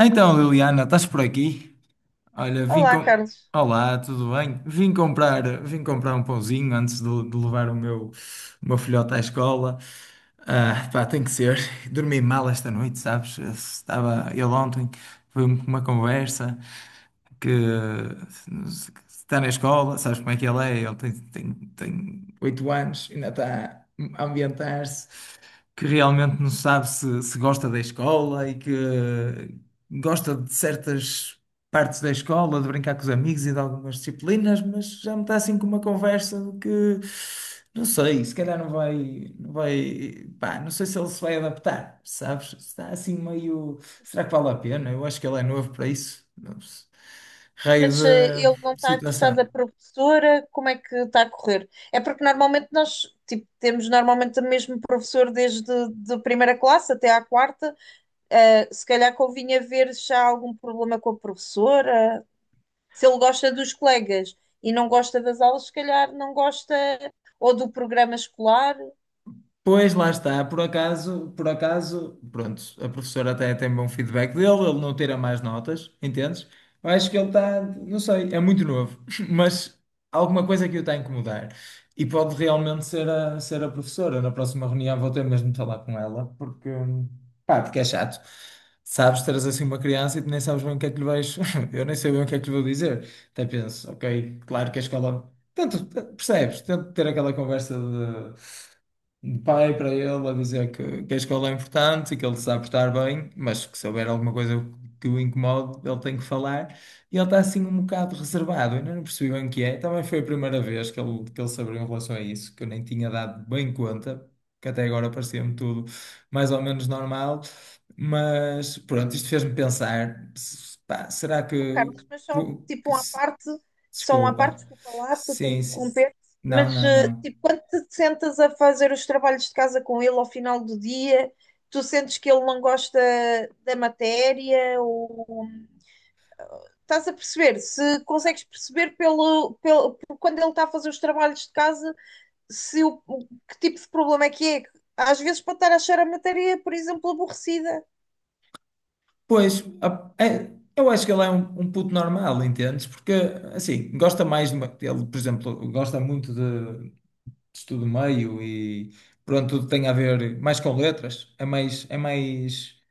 Então, Liliana, estás por aqui? Olha, vim Olá, com... Carlos. Olá, tudo bem? Vim comprar um pãozinho antes de levar o meu filhote à escola. Ah, pá, tem que ser. Dormi mal esta noite, sabes? Estava ele ontem, foi uma conversa que está na escola, sabes como é que ele é? Ele tem 8 anos, ainda está a ambientar-se que realmente não sabe se gosta da escola e que gosta de certas partes da escola, de brincar com os amigos e de algumas disciplinas, mas já me está assim com uma conversa de que não sei, se calhar não vai, pá, não sei se ele se vai adaptar, sabes? Está assim meio, será que vale a pena? Eu acho que ele é novo para isso, não sei. raio Mas ele não de está a gostar da situação. professora, como é que está a correr? É porque normalmente nós, tipo, temos normalmente o mesmo professor desde de primeira classe até à quarta. Se calhar convinha ver se há algum problema com a professora. Se ele gosta dos colegas e não gosta das aulas, se calhar não gosta ou do programa escolar. Pois lá está, por acaso, pronto, a professora até tem bom feedback dele, ele não tira mais notas, entendes? Eu acho que ele está, não sei, é muito novo, mas alguma coisa que o está a incomodar. E pode realmente ser a professora. Na próxima reunião vou ter mesmo de falar com ela, porque, pá, porque é chato. Sabes, teres assim uma criança e tu nem sabes bem o que é que lhe vais. Eu nem sei bem o que é que lhe vou dizer. Até penso, ok, claro que a escola. Tanto, percebes? Tento ter aquela conversa de pai para ele a dizer que a escola é importante e que ele se sabe estar bem, mas que se houver alguma coisa que o incomode, ele tem que falar. E ele está assim um bocado reservado, eu ainda não percebi bem o que é. Também foi a primeira vez que ele se abriu em relação a isso, que eu nem tinha dado bem conta, que até agora parecia-me tudo mais ou menos normal. Mas pronto, isto fez-me pensar, pá, será que, Carlos, mas só que- tipo que uma se- parte, só uma parte, desculpa. desculpa lá, estou a te Sim, sim. interromper, Não, mas não, não. tipo, quando te sentas a fazer os trabalhos de casa com ele ao final do dia, tu sentes que ele não gosta da matéria, ou estás a perceber, se consegues perceber pelo, pelo por quando ele está a fazer os trabalhos de casa, se que tipo de problema é que é. Às vezes pode estar a achar a matéria, por exemplo, aborrecida. Pois, eu acho que ele é um, um puto normal, entendes? Porque, assim, gosta mais de ele, por exemplo, gosta muito de estudo meio e, pronto, tudo tem a ver mais com letras. É mais, é mais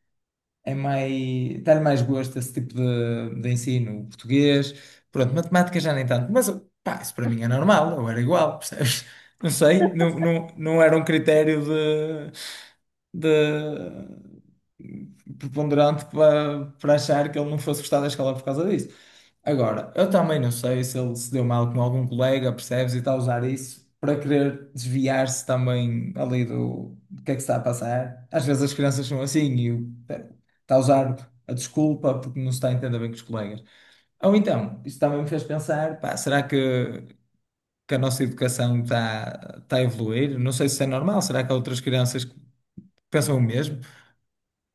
é mais, dá-lhe mais gosto esse tipo de ensino, o português, pronto, matemática já nem tanto, mas pá, isso para mim é normal, eu era igual, percebes? Não sei, não era um critério de preponderante para achar que ele não fosse gostar da escola por causa disso. Agora, eu também não sei se ele se deu mal com algum colega, percebes, e está a usar isso para querer desviar-se também ali do, do que é que se está a passar. Às vezes as crianças são assim e eu, está a usar a desculpa porque não se está a entender bem com os colegas. Ou então, isso também me fez pensar, pá, será que a nossa educação está a evoluir? Não sei se é normal, será que há outras crianças que pensam o mesmo?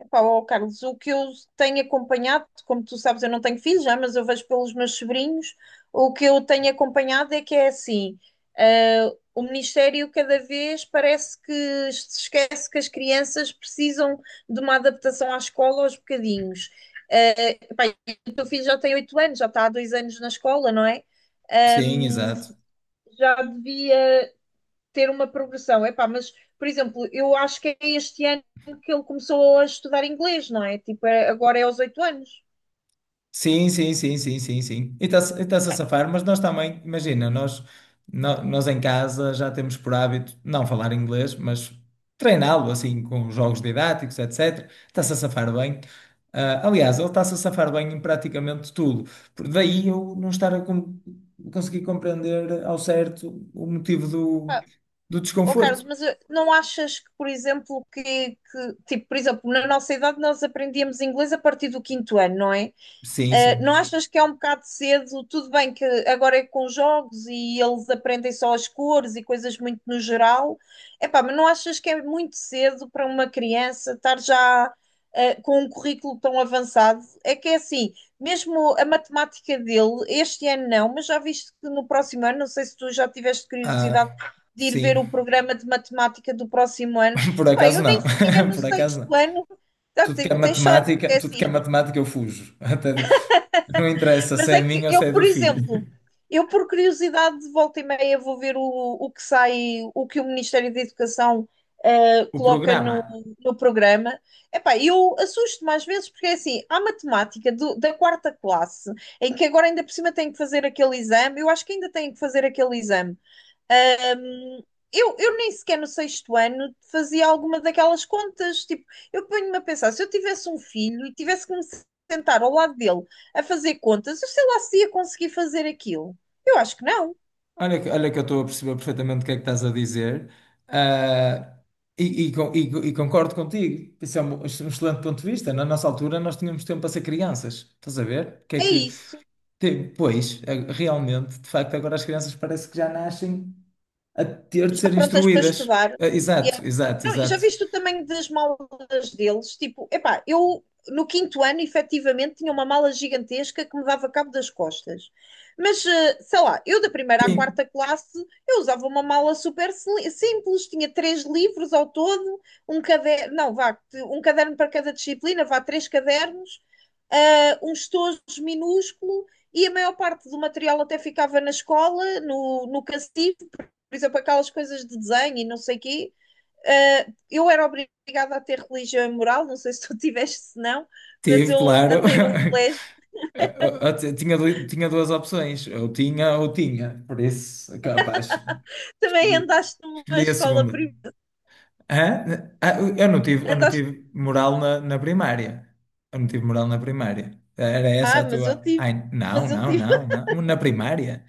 Epá, ó, Carlos, o que eu tenho acompanhado, como tu sabes, eu não tenho filhos já, mas eu vejo pelos meus sobrinhos, o que eu tenho acompanhado é que é assim, ah, o Ministério cada vez parece que se esquece que as crianças precisam de uma adaptação à escola aos bocadinhos. Ah, epá, e o teu filho já tem 8 anos, já está há 2 anos na escola, não é? Sim, exato. Já devia ter uma progressão. Epá, mas, por exemplo, eu acho que é este ano que ele começou a estudar inglês, não é? Tipo, agora é aos 8 anos. Sim, sim, sim, sim, sim, sim. E está-se a safar, mas nós também, imagina, nós, nós em casa já temos por hábito não falar inglês, mas treiná-lo assim com jogos didáticos, etc. Está-se a safar bem. Ah, aliás, ele está-se a safar bem em praticamente tudo. Daí eu não estar a conseguir compreender ao certo o motivo do, Epá, do ó Carlos, desconforto. mas não achas que, por exemplo, tipo, por exemplo, na nossa idade nós aprendíamos inglês a partir do quinto ano, não é? Sim, Não sim. achas que é um bocado cedo? Tudo bem que agora é com jogos e eles aprendem só as cores e coisas muito no geral. Epá, mas não achas que é muito cedo para uma criança estar já com um currículo tão avançado? É que é assim, mesmo a matemática dele, este ano não, mas já viste que no próximo ano, não sei se tu já tiveste curiosidade Ah, de ir sim, ver o programa de matemática do próximo ano. por Epá, acaso eu nem não. sequer no Por acaso sexto não. ano. Tá, Tudo que é tens sorte, porque é matemática, tudo que é assim, matemática eu fujo. Não interessa se mas é é que minha ou se eu, é por do exemplo, filho. eu por curiosidade de volta e meia vou ver o que sai, o que o Ministério da Educação O coloca programa. no programa. Epá, eu assusto mais vezes porque é assim, há matemática da quarta classe, em que agora ainda por cima tem que fazer aquele exame, eu acho que ainda tem que fazer aquele exame. Ah, eu nem sequer no sexto ano fazia alguma daquelas contas. Tipo, eu ponho-me a pensar, se eu tivesse um filho e tivesse que me sentar ao lado dele a fazer contas, eu sei lá se ia conseguir fazer aquilo. Eu acho que não. Olha, olha que eu estou a perceber perfeitamente o que é que estás a dizer. Ah, e concordo contigo. Isso é um, um excelente ponto de vista. Na nossa altura, nós tínhamos tempo para ser crianças. Estás a ver? O que é É que, isso. Pois, realmente, de facto, agora as crianças parece que já nascem a ter de Já ser prontas para instruídas. estudar. Ah, E é- Não, já exato. viste o tamanho das malas deles? Tipo, epá, eu no quinto ano, efetivamente, tinha uma mala gigantesca que me dava cabo das costas. Mas, sei lá, eu da primeira à Sim, quarta classe, eu usava uma mala super simples, tinha três livros ao todo, um caderno, não, vá, um caderno para cada disciplina, vá, três cadernos, ah, um estojo minúsculo, e a maior parte do material até ficava na escola, no cacifo, por exemplo, aquelas coisas de desenho e não sei o quê, eu era obrigada a ter religião e moral, não sei se tu tiveste, se não, mas tive, eu claro. andei num colégio, Tinha, tinha duas opções, ou tinha, por isso, é capaz, também escolhi, andaste numa escolhi a escola segunda. privada, Hã? Ah, eu não andaste, tive moral na primária. Eu não tive moral na primária. Era essa ah, a tua. Ai, não, mas eu não, tive, não, não. Na primária.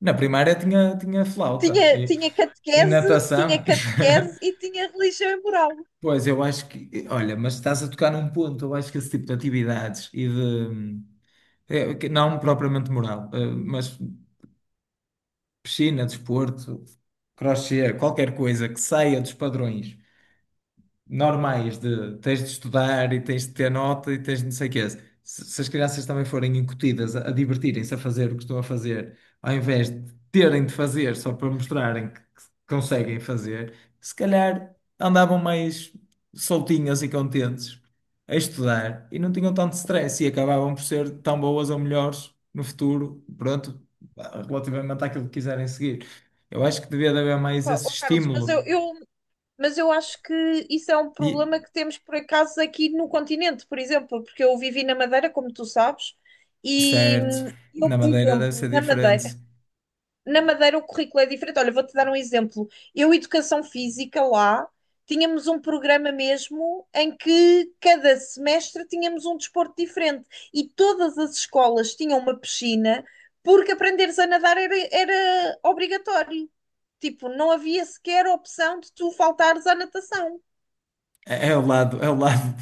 Na primária tinha, tinha flauta tinha, tinha e catequese, tinha natação. catequese e tinha religião e moral. Pois, eu acho que. Olha, mas estás a tocar num ponto. Eu acho que esse tipo de atividades e de. Que não propriamente moral, mas piscina, desporto, crochê, qualquer coisa que saia dos padrões normais de tens de estudar e tens de ter nota e tens de não sei o quê. Se as crianças também forem incutidas a divertirem-se a fazer o que estão a fazer, ao invés de terem de fazer só para mostrarem que conseguem fazer, se calhar andavam mais soltinhas e contentes a estudar e não tinham tanto stress e acabavam por ser tão boas ou melhores no futuro, pronto, relativamente àquilo que quiserem seguir. Eu acho que devia de haver mais esse Oh, Carlos, estímulo. Mas eu acho que isso é um E problema que temos por acaso aqui no continente, por exemplo, porque eu vivi na Madeira, como tu sabes, e certo. eu, Na por Madeira deve exemplo, ser na Madeira, diferente. O currículo é diferente. Olha, vou-te dar um exemplo. Eu, Educação Física, lá, tínhamos um programa mesmo em que cada semestre tínhamos um desporto diferente e todas as escolas tinham uma piscina porque aprenderes a nadar era obrigatório. Tipo, não havia sequer opção de tu faltares à natação. É, é o lado, é o lado,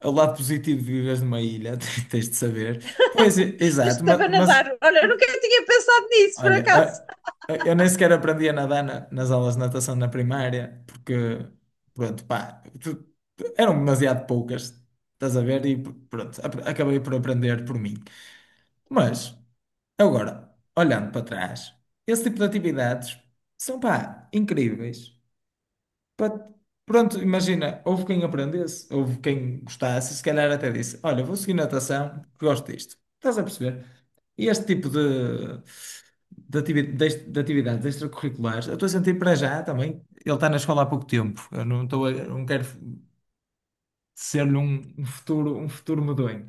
é o lado positivo de viveres numa ilha, tens de saber. Pois, exato, Estava a mas, nadar. Olha, eu nunca tinha pensado nisso, por olha, acaso. Eu nem sequer aprendi a nadar nas aulas de natação na primária, porque, pronto, pá, eram demasiado poucas, estás a ver? E pronto, acabei por aprender por mim. Mas, agora, olhando para trás, esse tipo de atividades são, pá, incríveis. Pá, pronto, imagina, houve quem aprendesse, houve quem gostasse, se calhar até disse: Olha, vou seguir natação, porque gosto disto. Estás a perceber? E este tipo de atividades extracurriculares, eu estou a sentir para já também. Ele está na escola há pouco tempo, eu não estou não quero ser-lhe um, um futuro medonho.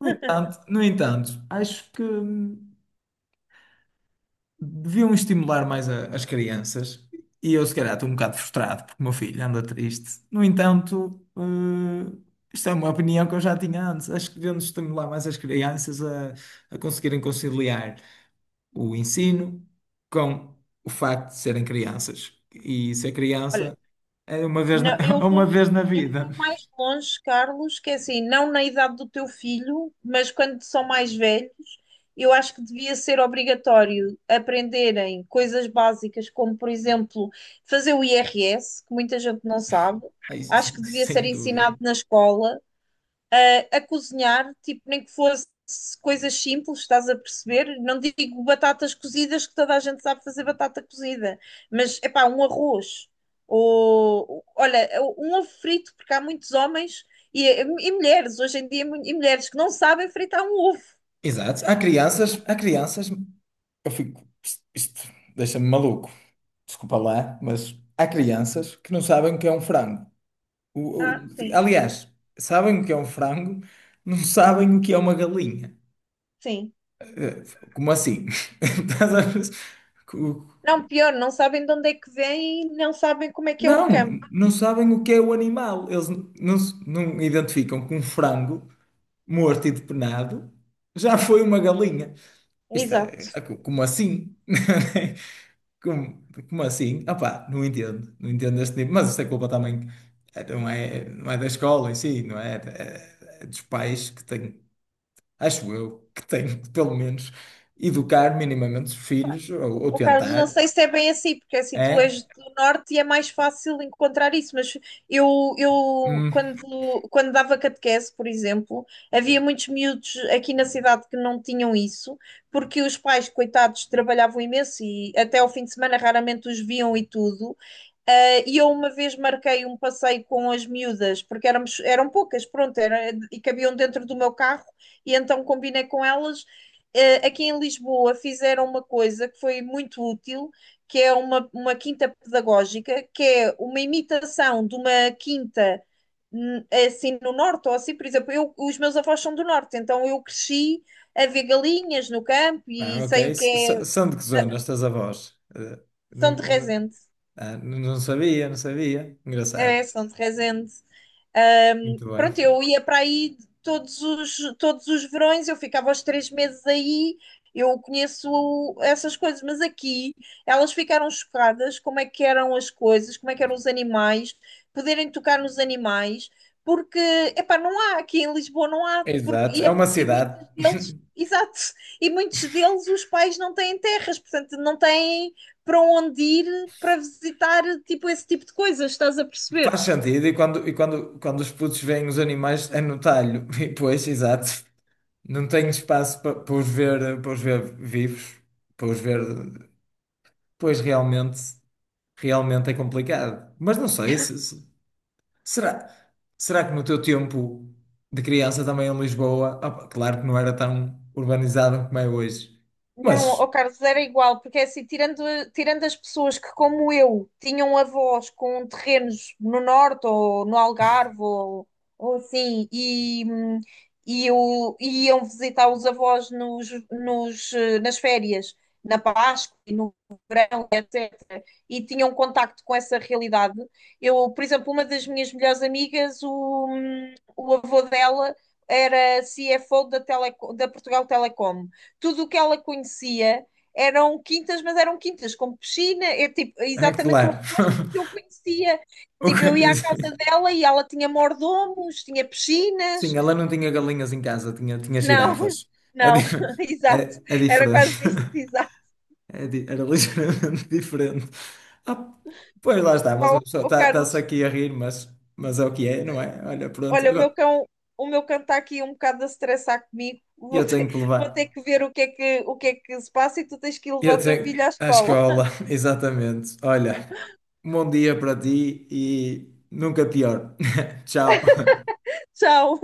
No entanto, acho que. Hum, deviam estimular mais as crianças. E eu, se calhar, estou um bocado frustrado porque o meu filho anda triste. No entanto, eh, isto é uma opinião que eu já tinha antes. Acho que devemos estimular mais as crianças a conseguirem conciliar o ensino com o facto de serem crianças. E ser Olha, criança é uma vez não, é uma vez na eu vou vida. mais longe, Carlos, que é assim, não na idade do teu filho, mas quando são mais velhos, eu acho que devia ser obrigatório aprenderem coisas básicas, como, por exemplo, fazer o IRS, que muita gente não sabe. É isso, Acho que devia ser sem dúvida. ensinado na escola, a cozinhar, tipo, nem que fosse coisas simples, estás a perceber? Não digo batatas cozidas, que toda a gente sabe fazer batata cozida, mas é pá, um arroz. Ou, olha, um ovo frito, porque há muitos homens e, e mulheres, hoje em dia, e mulheres que não sabem fritar um ovo. Exato. Há crianças. Isto deixa-me maluco. Desculpa lá, mas há crianças que não sabem o que é um frango. O- Ah, o- sim, aliás, sabem o que é um frango, não sabem o que é uma galinha. sim. Como assim? Estás a ver? Co- Não, pior, não sabem de onde é que vem e não sabem como é que é o Não, campo. não sabem o que é o animal. Eles n- não, se- não identificam que um frango morto e depenado já foi uma galinha. Isto Exato. Como assim? Como assim? Opá, não entendo este nível, mas isso é culpa também, não é da escola em si, não é, é, é dos pais que têm, acho eu, que têm que, pelo menos educar minimamente os filhos, ou Oh, Carlos, não tentar, sei se é bem assim, porque assim tu és é? do norte e é mais fácil encontrar isso, mas eu Hum, quando, dava catequese, por exemplo, havia muitos miúdos aqui na cidade que não tinham isso, porque os pais, coitados, trabalhavam imenso e até ao fim de semana raramente os viam e tudo. E eu uma vez marquei um passeio com as miúdas, porque éramos, eram poucas, pronto, era, e cabiam dentro do meu carro, e então combinei com elas. Aqui em Lisboa fizeram uma coisa que foi muito útil, que é uma quinta pedagógica, que é uma imitação de uma quinta assim no norte, ou assim, por exemplo, eu, os meus avós são do norte, então eu cresci a ver galinhas no campo e ah, ok, sei o que é. são de que zona estas avós? Eh, não, São de não, Resende, ah, não sabia, é, engraçado, são de Resende. Muito bem. Pronto, eu ia para aí todos os verões, eu ficava os 3 meses aí, eu conheço essas coisas, mas aqui elas ficaram chocadas como é que eram as coisas, como é que eram os animais, poderem tocar nos animais, porque, epá, não há, aqui em Lisboa não há, porque, Exato, é uma e cidade. muitos exato, e muitos deles os pais não têm terras, portanto não têm para onde ir para visitar, tipo, esse tipo de coisas, estás a Faz perceber? sentido, e quando, quando os putos veem os animais é no talho, e pois, exato, não tenho espaço para os ver vivos, para os ver, pois realmente, realmente é complicado. Mas não sei, se, será, será que no teu tempo de criança também em Lisboa, opa, claro que não era tão urbanizado como é hoje, Não, ó mas Carlos, era igual, porque é assim, tirando as pessoas que, como eu, tinham avós com terrenos no norte ou no Algarve ou assim, e iam visitar os avós nas férias, na Páscoa e no verão, etc., e tinham contacto com essa realidade. Eu, por exemplo, uma das minhas melhores amigas, o avô dela era CFO da Portugal Telecom. Tudo o que ela conhecia eram quintas, mas eram quintas com piscina, é tipo, é é exatamente o claro, oposto do que eu conhecia. O Tipo, que- eu ia à casa dela e ela tinha mordomos, tinha Sim, piscinas. ela não tinha galinhas em casa, tinha, tinha Não, girafas. É, di- não, exato. é, é Era diferente. quase isso, exato. Era ligeiramente diferente. Ah, pois lá está, mas uma Ó, pessoa ó, está-se Carlos, aqui a rir, mas é o que é, não é? Olha, pronto, olha, agora o meu cão está aqui um bocado a estressar comigo. Eu tenho que Vou levar. ter que ver o que é que se passa e tu tens que ir levar Eu o teu tenho filho à à escola. escola, exatamente. Olha, um bom dia para ti e nunca pior. Tchau. Tchau.